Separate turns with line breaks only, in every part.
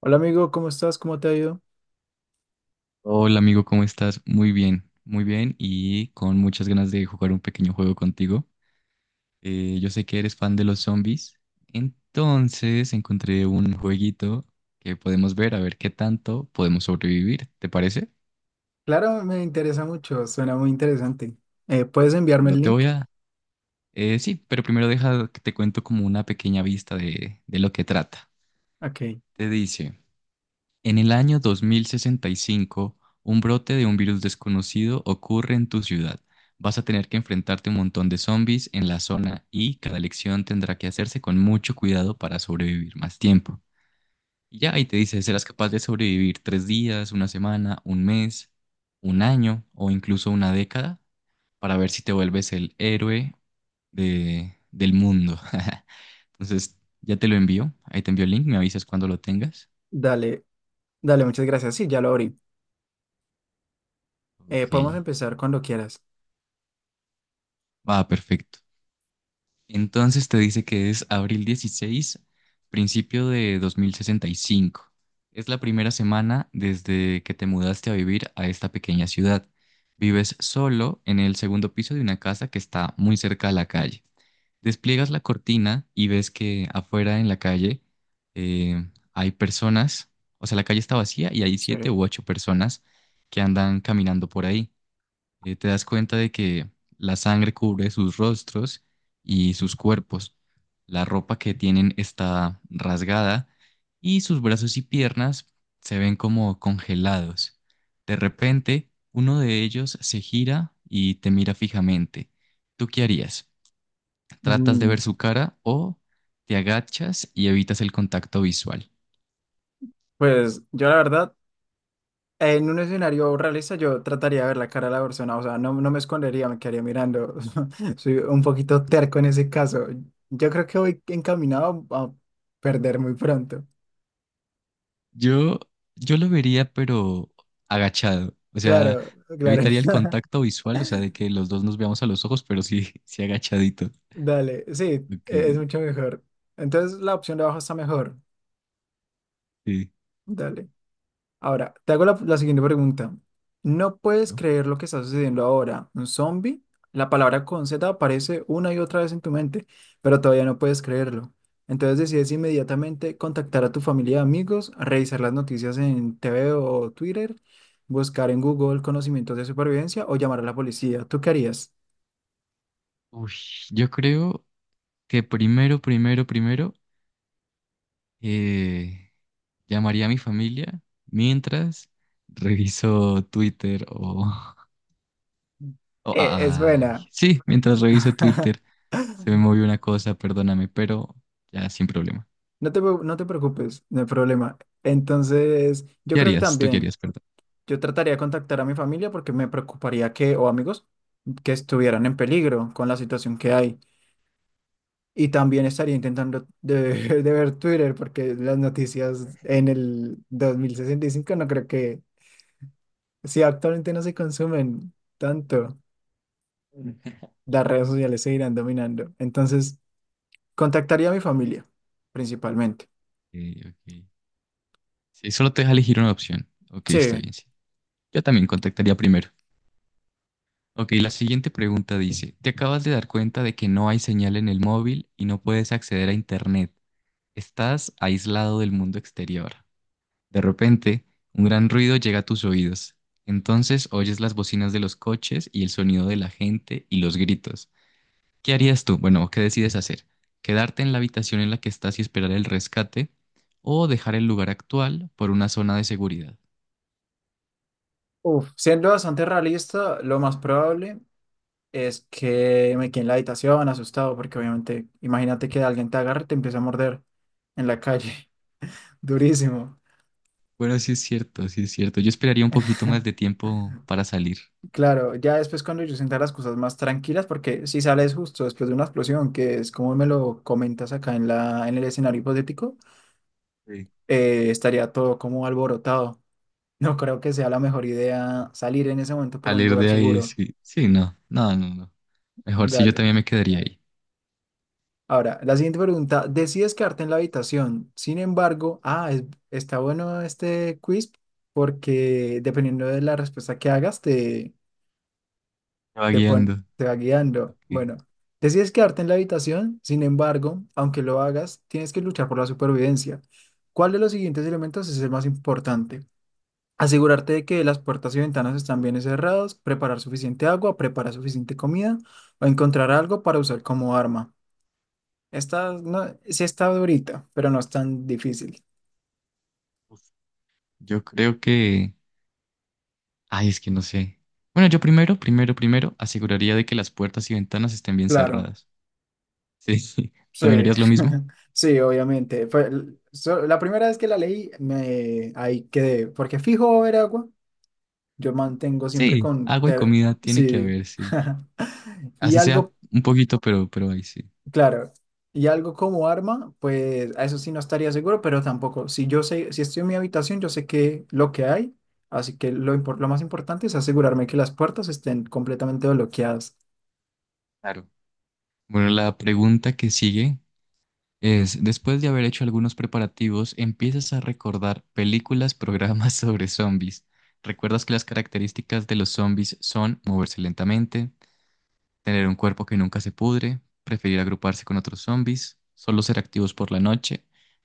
Hola amigo, ¿cómo estás? ¿Cómo te ha ido?
Hola amigo, ¿cómo estás? Muy bien y con muchas ganas de jugar un pequeño juego contigo. Yo sé que eres fan de los zombies, entonces encontré un jueguito que podemos ver a ver qué tanto podemos sobrevivir, ¿te parece?
Claro, me interesa mucho, suena muy interesante. ¿Puedes enviarme
Claro,
el
te
link?
voy a... sí, pero primero deja que te cuento como una pequeña vista de lo que trata.
Ok,
Te dice, en el año 2065, un brote de un virus desconocido ocurre en tu ciudad. Vas a tener que enfrentarte a un montón de zombies en la zona y cada elección tendrá que hacerse con mucho cuidado para sobrevivir más tiempo. Y ya ahí te dice, ¿serás capaz de sobrevivir 3 días, una semana, un mes, un año o incluso una década? Para ver si te vuelves el héroe del mundo. Entonces, ya te lo envío. Ahí te envío el link, me avisas cuando lo tengas.
dale, dale, muchas gracias. Sí, ya lo abrí. Podemos
Ok.
empezar cuando quieras.
Va, perfecto. Entonces te dice que es abril 16, principio de 2065. Es la primera semana desde que te mudaste a vivir a esta pequeña ciudad. Vives solo en el segundo piso de una casa que está muy cerca a la calle. Despliegas la cortina y ves que afuera en la calle hay personas, o sea, la calle está vacía y hay siete
Sí.
u ocho personas que andan caminando por ahí. Te das cuenta de que la sangre cubre sus rostros y sus cuerpos. La ropa que tienen está rasgada y sus brazos y piernas se ven como congelados. De repente, uno de ellos se gira y te mira fijamente. ¿Tú qué harías? ¿Tratas de ver
Mm,
su cara o te agachas y evitas el contacto visual?
pues yo la verdad, en un escenario realista yo trataría de ver la cara de la persona, o sea, no, no me escondería, me quedaría mirando. Soy un poquito terco en ese caso. Yo creo que voy encaminado a perder muy pronto.
Yo, yo lo vería, pero agachado. O sea,
Claro, claro.
evitaría el contacto visual, o sea, de que los dos nos veamos a los ojos, pero sí, sí agachadito.
Dale, sí,
Ok,
es mucho mejor. Entonces la opción de abajo está mejor.
sí.
Dale. Ahora, te hago la siguiente pregunta. No puedes
Claro.
creer lo que está sucediendo ahora. Un zombie, la palabra con Z aparece una y otra vez en tu mente, pero todavía no puedes creerlo. Entonces decides inmediatamente contactar a tu familia y amigos, revisar las noticias en TV o Twitter, buscar en Google conocimientos de supervivencia o llamar a la policía. ¿Tú qué harías?
Uy, yo creo que primero, primero, primero, eh, llamaría a mi familia mientras reviso Twitter o...
Es
ay,
buena.
sí, mientras reviso Twitter. Se me movió una cosa, perdóname, pero ya sin problema.
No te preocupes, no hay problema. Entonces, yo
¿Qué
creo que
harías? ¿Tú qué
también
harías? Perdón.
yo trataría de contactar a mi familia porque me preocuparía que, o amigos, que estuvieran en peligro con la situación que hay. Y también estaría de ver Twitter porque las noticias en el 2065 no creo que, si actualmente no se consumen tanto,
Ok,
las redes sociales seguirán dominando. Entonces, contactaría a mi familia, principalmente.
ok. Sí, solo te deja elegir una opción. Ok, está
Sí.
bien, sí. Yo también contactaría primero. Ok, la siguiente pregunta dice, te acabas de dar cuenta de que no hay señal en el móvil y no puedes acceder a internet. Estás aislado del mundo exterior. De repente, un gran ruido llega a tus oídos. Entonces oyes las bocinas de los coches y el sonido de la gente y los gritos. ¿Qué harías tú? Bueno, ¿qué decides hacer? ¿Quedarte en la habitación en la que estás y esperar el rescate o dejar el lugar actual por una zona de seguridad?
Uf, siendo bastante realista, lo más probable. Es que me quedé en la habitación asustado porque obviamente, imagínate que alguien te agarre y te empieza a morder en la calle, durísimo.
Bueno, sí es cierto, sí es cierto. Yo esperaría un poquito más de tiempo para salir.
Claro, ya después cuando yo sienta las cosas más tranquilas, porque si sales justo después de una explosión, que es como me lo comentas acá en en el escenario hipotético,
Sí.
estaría todo como alborotado. No creo que sea la mejor idea salir en ese momento por un
Salir
lugar
de ahí,
seguro.
sí. Sí, no, no, no, no. Mejor si yo
Dale.
también me quedaría ahí.
Ahora, la siguiente pregunta, decides quedarte en la habitación. Sin embargo, está bueno este quiz porque dependiendo de la respuesta que hagas,
Me va guiando.
te va guiando.
Ok.
Bueno, decides quedarte en la habitación. Sin embargo, aunque lo hagas, tienes que luchar por la supervivencia. ¿Cuál de los siguientes elementos es el más importante? Asegurarte de que las puertas y ventanas están bien cerradas, preparar suficiente agua, preparar suficiente comida o encontrar algo para usar como arma. Está, no, sí está durita, pero no es tan difícil.
Uf. Yo creo que... Ay, es que no sé. Bueno, yo primero, primero, primero aseguraría de que las puertas y ventanas estén bien
Claro,
cerradas. Sí. Sí.
sí,
¿También harías lo mismo?
sí, obviamente. La primera vez que la leí, me, ahí quedé, porque fijo va a haber agua, yo mantengo siempre
Sí,
con,
agua y
ter-
comida tiene que
sí,
haber, sí.
y
Así sea
algo,
un poquito, pero ahí sí.
claro, y algo como arma, pues a eso sí no estaría seguro, pero tampoco, si yo sé, si estoy en mi habitación, yo sé que lo que hay, así que lo más importante es asegurarme que las puertas estén completamente bloqueadas.
Claro. Bueno, la pregunta que sigue es, después de haber hecho algunos preparativos, empiezas a recordar películas, programas sobre zombies. Recuerdas que las características de los zombies son moverse lentamente, tener un cuerpo que nunca se pudre, preferir agruparse con otros zombies, solo ser activos por la noche,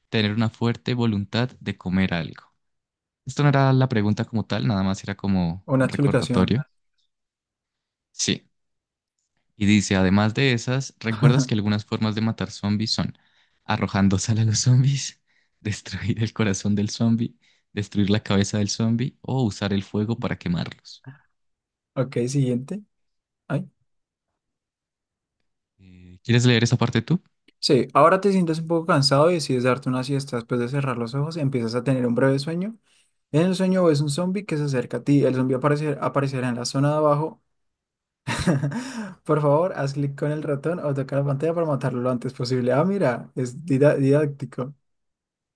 tener una fuerte voluntad de comer algo. Esto no era la pregunta como tal, nada más era como
Una
un
explicación.
recordatorio. Sí. Y dice, además de esas, ¿recuerdas que algunas formas de matar zombies son arrojando sal a los zombies, destruir el corazón del zombie, destruir la cabeza del zombie o usar el fuego para quemarlos?
Ok, siguiente. Ay.
¿Quieres leer esa parte tú?
Sí, ahora te sientes un poco cansado y decides darte una siesta. Después de cerrar los ojos, empiezas a tener un breve sueño. En el sueño ves un zombie que se acerca a ti. El zombie aparecerá en la zona de abajo. Por favor, haz clic con el ratón o toca la pantalla para matarlo lo antes posible. Ah, mira, es didáctico.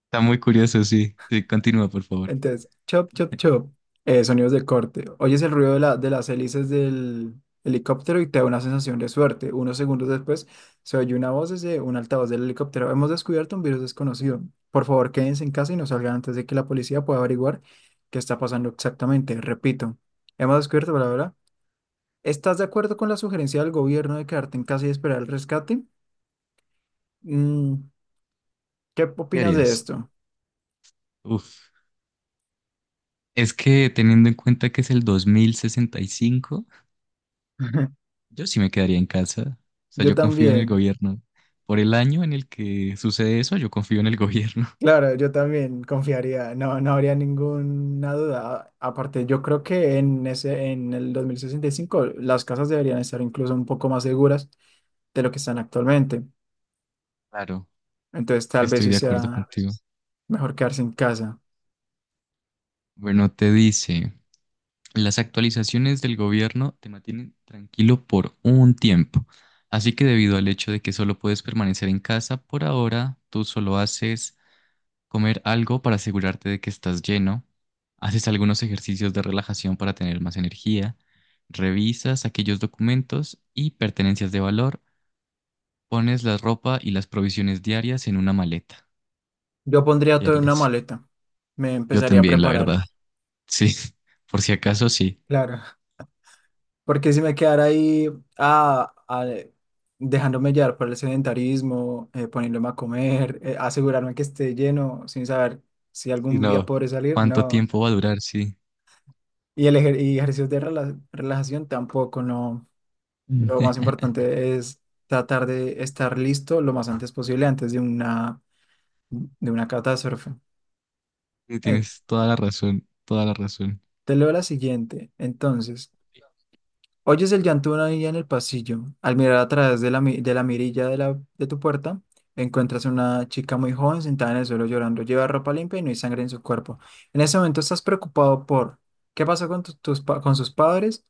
Está muy curioso, sí. Sí, continúa, por favor.
Entonces, chop, chop, chop. Sonidos de corte. Oyes el ruido de, de las hélices del helicóptero y te da una sensación de suerte. Unos segundos después se oye una voz desde un altavoz del helicóptero. Hemos descubierto un virus desconocido. Por favor, quédense en casa y no salgan antes de que la policía pueda averiguar qué está pasando exactamente. Repito, hemos descubierto, bla, bla, bla. ¿Estás de acuerdo con la sugerencia del gobierno de quedarte en casa y esperar el rescate? Mm, ¿Qué
¿Qué
opinas de
harías?
esto?
Uf. Es que teniendo en cuenta que es el 2065, yo sí me quedaría en casa. O sea,
Yo
yo confío en el
también.
gobierno. Por el año en el que sucede eso, yo confío en el gobierno.
Claro, yo también confiaría, no, no habría ninguna duda. Aparte, yo creo que en en el 2065 las casas deberían estar incluso un poco más seguras de lo que están actualmente.
Claro,
Entonces,
sí
tal vez
estoy
sí
de acuerdo
sea
contigo.
mejor quedarse en casa.
Bueno, te dice, las actualizaciones del gobierno te mantienen tranquilo por un tiempo, así que debido al hecho de que solo puedes permanecer en casa por ahora, tú solo haces comer algo para asegurarte de que estás lleno, haces algunos ejercicios de relajación para tener más energía, revisas aquellos documentos y pertenencias de valor, pones la ropa y las provisiones diarias en una maleta.
Yo pondría
¿Qué
todo en una
harías?
maleta. Me
Yo
empezaría a
también, la
preparar.
verdad. Sí, por si acaso, sí.
Claro. Porque si me quedara ahí ah, ah, dejándome llevar por el sedentarismo, poniéndome a comer, asegurarme que esté lleno sin saber si
Sí,
algún día
no.
podré salir,
¿Cuánto
no.
tiempo va a durar? Sí.
Y ejercicios de relajación tampoco, no. Lo
Mm.
más importante es tratar de estar listo lo más antes posible antes de de una catástrofe. Eh,
Tienes toda la razón, toda la razón.
te leo la siguiente. Entonces, oyes el llanto de una niña en el pasillo. Al mirar a través de de la mirilla de tu puerta, encuentras una chica muy joven sentada en el suelo llorando. Lleva ropa limpia y no hay sangre en su cuerpo. En ese momento estás preocupado por qué pasó con, con sus padres,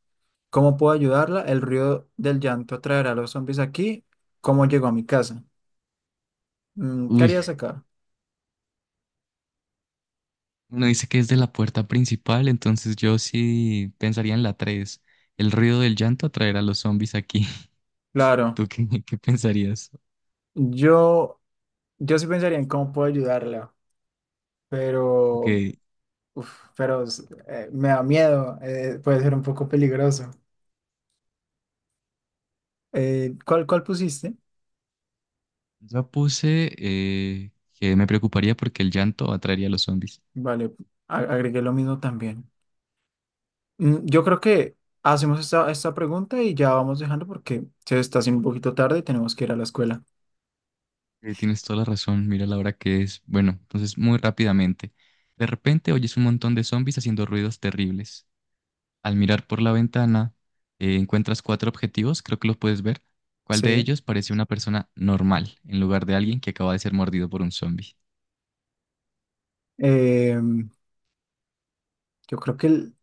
cómo puedo ayudarla, el ruido del llanto traerá a los zombies aquí, cómo llegó a mi casa. Mm, ¿qué
Uy,
harías acá?
uno dice que es de la puerta principal, entonces yo sí pensaría en la 3. El ruido del llanto atraerá a los zombies aquí.
Claro,
¿Tú qué pensarías?
yo, yo sí pensaría en cómo puedo ayudarla,
Ok,
pero uf, pero me da miedo, puede ser un poco peligroso. ¿Cuál pusiste?
yo puse que me preocuparía porque el llanto atraería a los zombies.
Vale, agregué lo mismo también. Mm, yo creo que hacemos esta pregunta y ya vamos dejando porque se está haciendo un poquito tarde y tenemos que ir a la escuela.
Tienes toda la razón, mira la hora que es. Bueno, entonces muy rápidamente. De repente oyes un montón de zombies haciendo ruidos terribles. Al mirar por la ventana, encuentras cuatro objetivos, creo que los puedes ver. ¿Cuál de
Sí.
ellos parece una persona normal en lugar de alguien que acaba de ser mordido por un zombie?
Em, yo creo que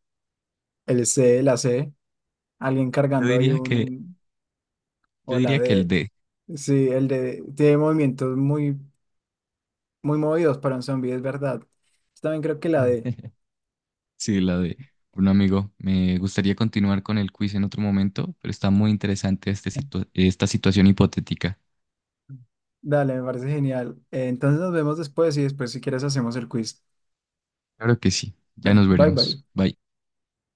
el C, la C, alguien
Yo
cargando ahí
diría que,
un,
yo
o la
diría que el
D,
D.
sí, el D, tiene movimientos muy movidos para un zombie, es verdad. Yo también creo que la D.
Sí, la D. Bueno, amigo, me gustaría continuar con el quiz en otro momento, pero está muy interesante esta situación hipotética.
Dale, me parece genial. Entonces nos vemos después y después si quieres hacemos el quiz.
Claro que sí. Ya
Dale,
nos
bye
veremos.
bye.
Bye.